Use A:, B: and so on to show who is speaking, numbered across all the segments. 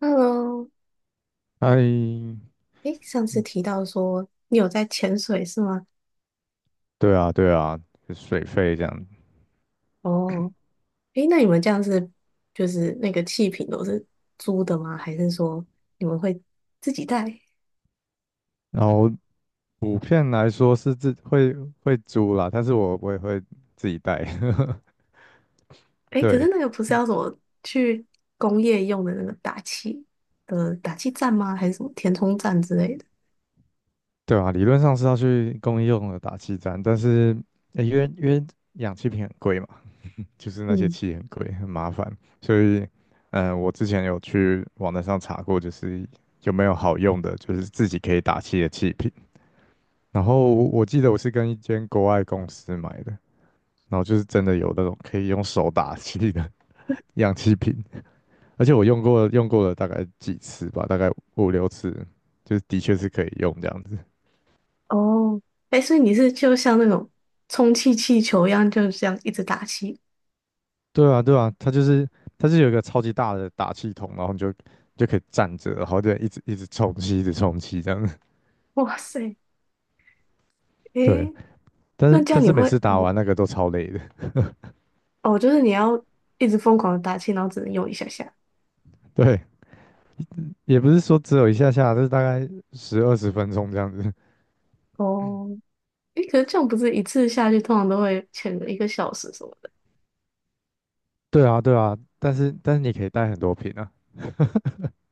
A: Hello，
B: 哎，
A: 诶，上次提到说你有在潜水是吗？
B: 对啊，对啊，就水费这样。
A: 哦，诶，那你们这样是就是那个气瓶都是租的吗？还是说你们会自己带？
B: 然后补片来说是自会租啦，但是我也会自己带。
A: 诶，可是
B: 对，
A: 那个不是要什么去工业用的那个打气的打气站吗？还是什么填充站之类的？
B: 对啊，理论上是要去公益用的打气站，但是、因为氧气瓶很贵嘛，就是那些
A: 嗯，
B: 气很贵，很麻烦，所以我之前有去网站上查过，就是有没有好用的，就是自己可以打气的气瓶。然后我记得我是跟一间国外公司买的。然后就是真的有那种可以用手打气的 氧气瓶，而且我用过了大概几次吧，大概5、6次，就是的确是可以用这样子。
A: 哦，诶，所以你是就像那种充气气球一样，就这样一直打气？
B: 对啊，对啊，它是有一个超级大的打气筒，然后你就可以站着，然后就一直一直充气，一直充气这样子。
A: 哇塞，
B: 对，
A: 诶，
B: 但
A: 那
B: 是
A: 这
B: 但
A: 样你
B: 是每
A: 会
B: 次打完那个都超累的。
A: 哦，就是你要一直疯狂的打气，然后只能用一下下。
B: 对，也不是说只有一下下，就是大概十二十分钟这样子。
A: 哦，诶，可是这样不是一次下去通常都会潜个一个小时什么的
B: 对啊，对啊，但是你可以带很多瓶啊。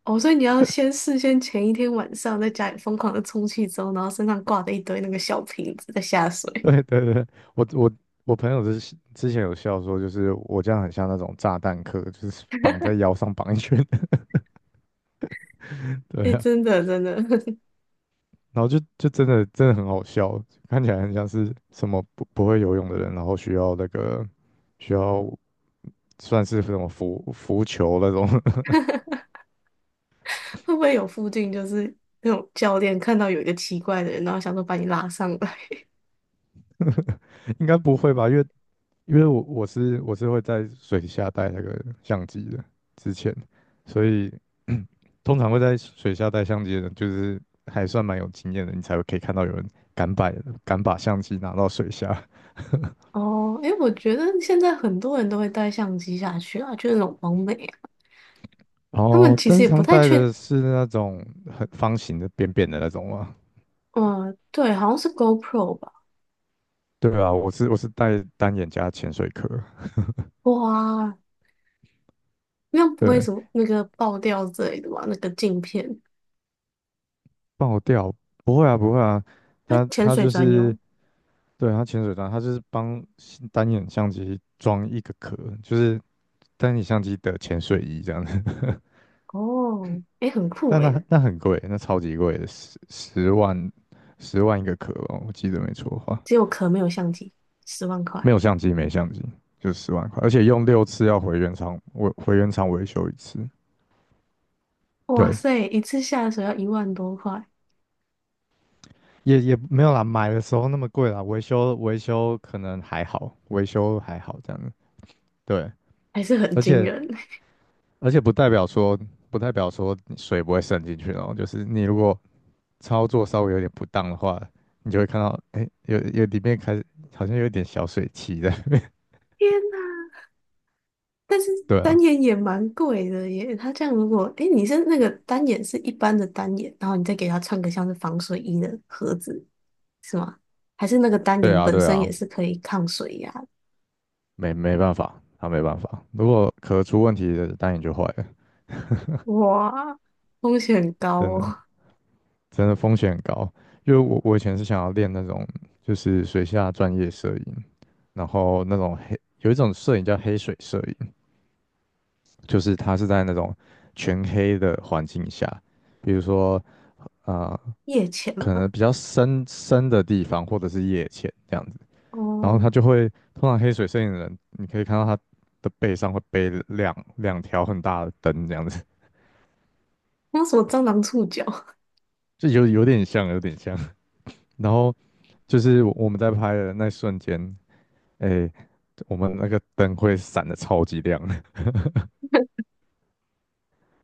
A: 哦，所以你要先事先前一天晚上在家里疯狂的充气之后，然后身上挂着一堆那个小瓶子在下 水。
B: 对对对，我我我朋友之前有笑说，就是我这样很像那种炸弹客，就是绑在腰上绑一圈的 对
A: 诶，
B: 啊，
A: 真的真的，
B: 然后就真的真的很好笑，看起来很像是什么不会游泳的人，然后需要那个需要算是什么浮球那种，
A: 会不会有附近就是那种教练看到有一个奇怪的人，然后想说把你拉上来？
B: 应该不会吧？因为我是会在水下带那个相机的，之前，所以通常会在水下带相机的人，就是还算蛮有经验的，你才会可以看到有人敢摆，敢把相机拿到水下。
A: 哦，诶，我觉得现在很多人都会带相机下去啊，就是那种网美啊，
B: 然
A: 他们
B: 后，
A: 其
B: 但
A: 实
B: 是
A: 也
B: 他
A: 不
B: 们
A: 太
B: 带
A: 确，
B: 的是那种很方形的、扁扁的那种吗？
A: 嗯、对，好像是 GoPro 吧。
B: 对啊，我是带单眼加潜水壳。
A: 哇，那不
B: 对
A: 会
B: 啊，
A: 什么那个爆掉之类的吧？那个镜片，
B: 爆掉不会啊，不会啊，
A: 它
B: 他
A: 潜
B: 他
A: 水
B: 就
A: 专
B: 是
A: 用
B: 对他潜水装，他就是帮单眼相机装一个壳，就是单眼相机的潜水衣这样。
A: 哦，诶，很酷
B: 但那
A: 诶，
B: 那很贵，那超级贵的，十万一个壳哦，我记得没错的话，
A: 只有壳没有相机，十万
B: 没
A: 块，
B: 有相机没相机，就10万块，而且用六次要回原厂维修一次，
A: 哇
B: 对，
A: 塞，一次下水要1万多块，
B: 也也没有啦，买的时候那么贵啦，维修可能还好，维修还好这样子，对，
A: 还是很
B: 而
A: 惊
B: 且
A: 人。
B: 而且不代表说你水不会渗进去哦，就是你如果操作稍微有点不当的话，你就会看到，哎，有里面开始好像有一点小水汽在那边，
A: 天呐，但是
B: 对
A: 单
B: 啊。
A: 眼也蛮贵的耶，它这样如果，诶，你是那个单眼是一般的单眼，然后你再给它穿个像是防水衣的盒子，是吗？还是那个单
B: 对
A: 眼
B: 啊，
A: 本
B: 对
A: 身也
B: 啊，
A: 是可以抗水压的？
B: 没办法，他没办法。如果壳出问题的，单眼就坏了，
A: 哇，风险很高
B: 真
A: 哦。
B: 的真的风险很高。因为我以前是想要练那种就是水下专业摄影，然后那种黑有一种摄影叫黑水摄影，就是它是在那种全黑的环境下，比如说啊、呃
A: 夜潜
B: 可
A: 嘛，
B: 能比较深的地方或者是夜潜这样子。然后
A: 哦，
B: 他就会，通常黑水摄影的人，你可以看到他的背上会背两条很大的灯，这样子，
A: 那什么蟑螂触角，
B: 就有点像，有点像。然后就是我们在拍的那瞬间，哎，我们那个灯会闪的超级亮，然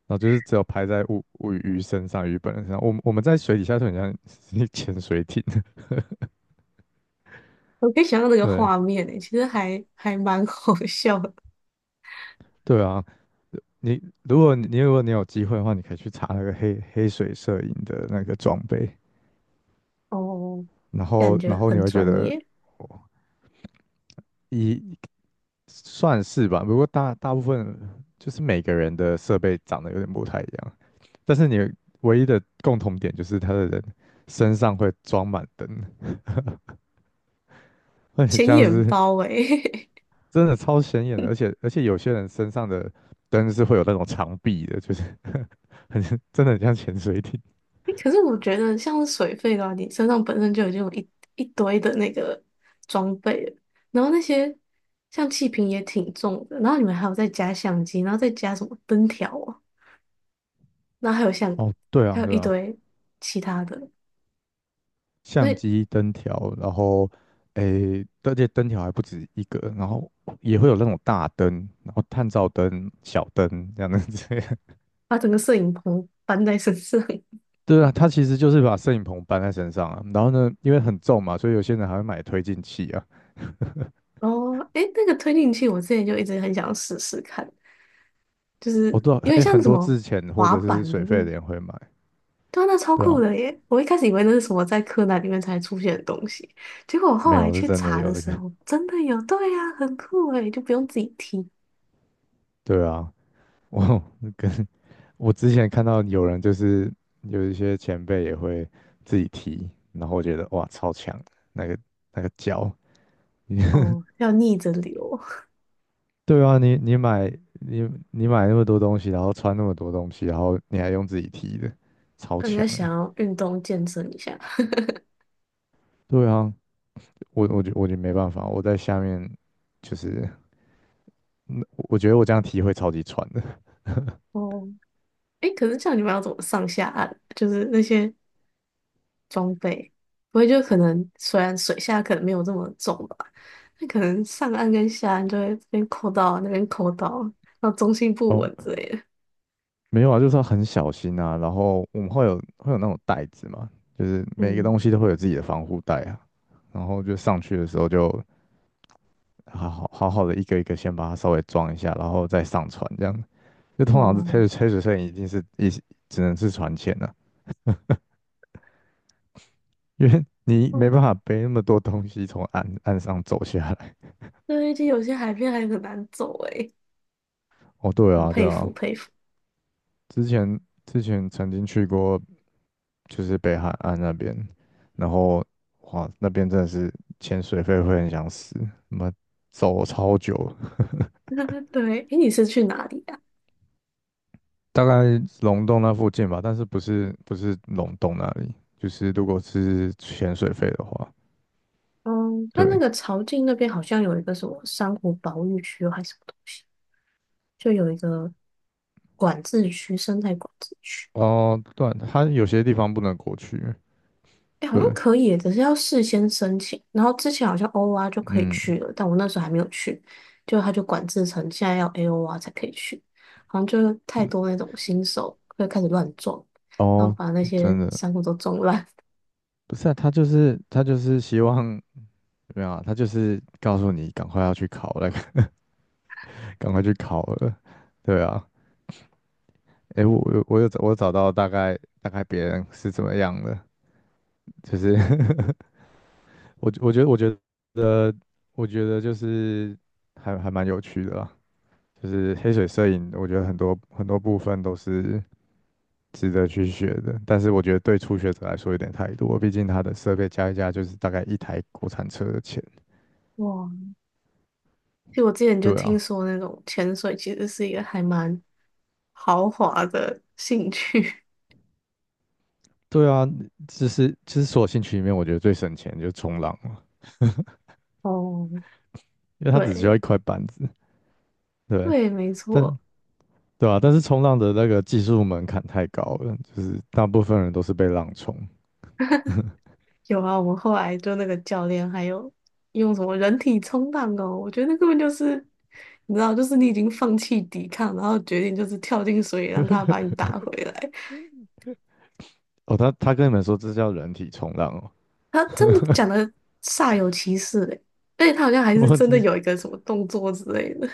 B: 后就是只有拍在鱼身上、鱼本人身上。我们在水底下就很像一潜水艇，
A: 我可以想象那 个
B: 对，
A: 画面诶，其实还蛮好笑的
B: 对啊。你如果你有机会的话，你可以去查那个黑水摄影的那个装备，
A: 哦，
B: 然
A: 感
B: 后
A: 觉
B: 然后你
A: 很
B: 会觉
A: 专
B: 得。
A: 业，
B: 一算是吧，不过大部分就是每个人的设备长得有点不太一样，但是你唯一的共同点就是他的人身上会装满灯，会很
A: 显
B: 像
A: 眼
B: 是。
A: 包诶。
B: 真的超显眼的，而且有些人身上的灯是会有那种长臂的，就是 很真的很像潜水艇。
A: 欸可是我觉得像是水费的话，你身上本身就已经有一堆的那个装备了，然后那些像气瓶也挺重的，然后你们还有再加相机，然后再加什么灯条啊，然后还有像
B: 哦，对
A: 还
B: 啊，
A: 有
B: 对
A: 一
B: 啊，
A: 堆其他的，所
B: 相
A: 以
B: 机、灯条，然后诶，而且灯条还不止一个，然后也会有那种大灯，然后探照灯、小灯这样的子。
A: 把整个摄影棚搬在身上，
B: 对啊，他其实就是把摄影棚搬在身上啊，然后呢，因为很重嘛，所以有些人还会买推进器啊。
A: 哦，诶，那个推进器我之前就一直很想试试看，就是
B: 我多少，
A: 有点
B: 哎，
A: 像
B: 很
A: 什
B: 多
A: 么
B: 之前或
A: 滑
B: 者是
A: 板的，
B: 水
A: 就
B: 费
A: 是
B: 的人会买，
A: 对啊，那超
B: 对
A: 酷
B: 啊，
A: 的耶！我一开始以为那是什么在柯南里面才出现的东西，结果我
B: 没
A: 后来
B: 有是
A: 去
B: 真的
A: 查
B: 有
A: 的
B: 这
A: 时
B: 个，
A: 候，真的有，对呀、很酷诶，就不用自己踢
B: 对啊，我跟我之前看到有人就是有一些前辈也会自己提，然后我觉得哇，超强，那个那个脚，
A: 哦，要逆着流。
B: 对啊，你买那么多东西，然后穿那么多东西，然后你还用自己提的，超
A: 人
B: 强
A: 家想
B: 哎、
A: 要运动健身一下
B: 对啊，我觉得没办法，我在下面就是，嗯我觉得我这样踢会超级喘的。
A: 哦，诶，可是像你们要怎么上下岸？就是那些装备，不会就可能虽然水下可能没有这么重吧，那可能上岸跟下岸就会这边扣到那边扣到，然后中 心不
B: 哦，
A: 稳之类的。
B: 没有啊，就是要很小心啊。然后我们会有那种袋子嘛，就是每一个
A: 嗯，
B: 东西都会有自己的防护袋啊。然后就上去的时候就好好的一个一个先把它稍微装一下，然后再上船这样。就通常是
A: 哇，
B: 黑水摄影一定是只能是船前了、啊因为你没办
A: 嗯，
B: 法背那么多东西从岸上走下来。
A: 对，就有些海边还很难走诶，
B: 哦，对
A: 很
B: 啊，对
A: 佩服
B: 啊，
A: 佩服。
B: 之前之前曾经去过，就是北海岸那边，然后哇，那边真的是潜水费会很想死，那么走超久，
A: 对，诶，你是去哪里啊？
B: 大概龙洞那附近吧，但是不是龙洞那里，就是如果是潜水费的话，
A: 嗯，它那
B: 对，
A: 个潮境那边好像有一个什么珊瑚保育区还是什么东西，就有一个管制区，生态管制区。
B: 哦，对，它有些地方不能过去，
A: 哎，好像
B: 对，
A: 可以耶只是要事先申请。然后之前好像 OR 就可以
B: 嗯，
A: 去了，但我那时候还没有去，就他就管制成现在要 AOR 才可以去，好像就是太
B: 嗯，
A: 多那种新手会开始乱撞，然后
B: 哦，
A: 把那
B: 真
A: 些
B: 的
A: 珊瑚都撞烂。
B: 不是啊，他就是希望。没有啊，他就是告诉你赶快要去考那个，赶快去考了。对啊，诶，我找到大概别人是怎么样的，就是 我我觉得我觉得我觉得就是还蛮有趣的啦，就是黑水摄影，我觉得很多很多部分都是值得去学的，但是我觉得对初学者来说有点太多，毕竟它的设备加一加就是大概一台国产车的钱。
A: 哇，就我之前就
B: 对
A: 听
B: 啊，
A: 说那种潜水其实是一个还蛮豪华的兴趣。
B: 对啊，就是就是所有兴趣里面，我觉得最省钱就是冲浪嘛，
A: 哦，
B: 因为它只需要
A: 对
B: 一块板子。对，
A: 对，没错。
B: 但对啊，但是冲浪的那个技术门槛太高了，就是大部分人都是被浪冲。
A: 有啊，我们后来就那个教练还有用什么人体冲浪哦，我觉得那根本就是，你知道，就是你已经放弃抵抗，然后决定就是跳进水里让他把你 打回来。
B: 哦，他跟你们说这叫人体冲浪哦，
A: 他真的 讲的煞有其事嘞，而且他好像还是
B: 我
A: 真的
B: 真是
A: 有一个什么动作之类的。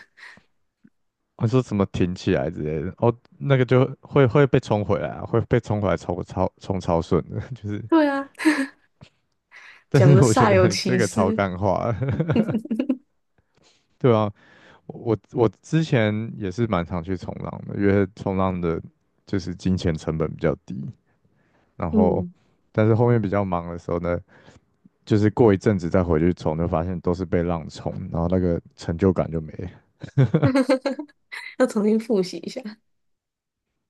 B: 我说什么挺起来之类的，哦，那个就会被冲回来啊，会被冲回来冲超顺的，就是，
A: 对啊，
B: 但
A: 讲的
B: 是我觉
A: 煞有
B: 得你这
A: 其
B: 个超
A: 事，
B: 干话，对啊，我之前也是蛮常去冲浪的，因为冲浪的就是金钱成本比较低，然后
A: 嗯，
B: 但是后面比较忙的时候呢，就是过一阵子再回去冲，就发现都是被浪冲，然后那个成就感就没了。
A: 要重新复习一下。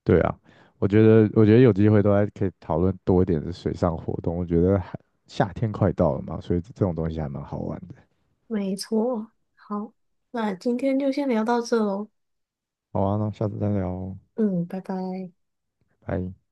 B: 对啊，我觉得有机会都还可以讨论多一点的水上活动。我觉得还夏天快到了嘛，所以这种东西还蛮好玩的。
A: 没错，好，那今天就先聊到这喽，
B: 好啊，那下次再聊哦，
A: 嗯，拜拜。
B: 拜。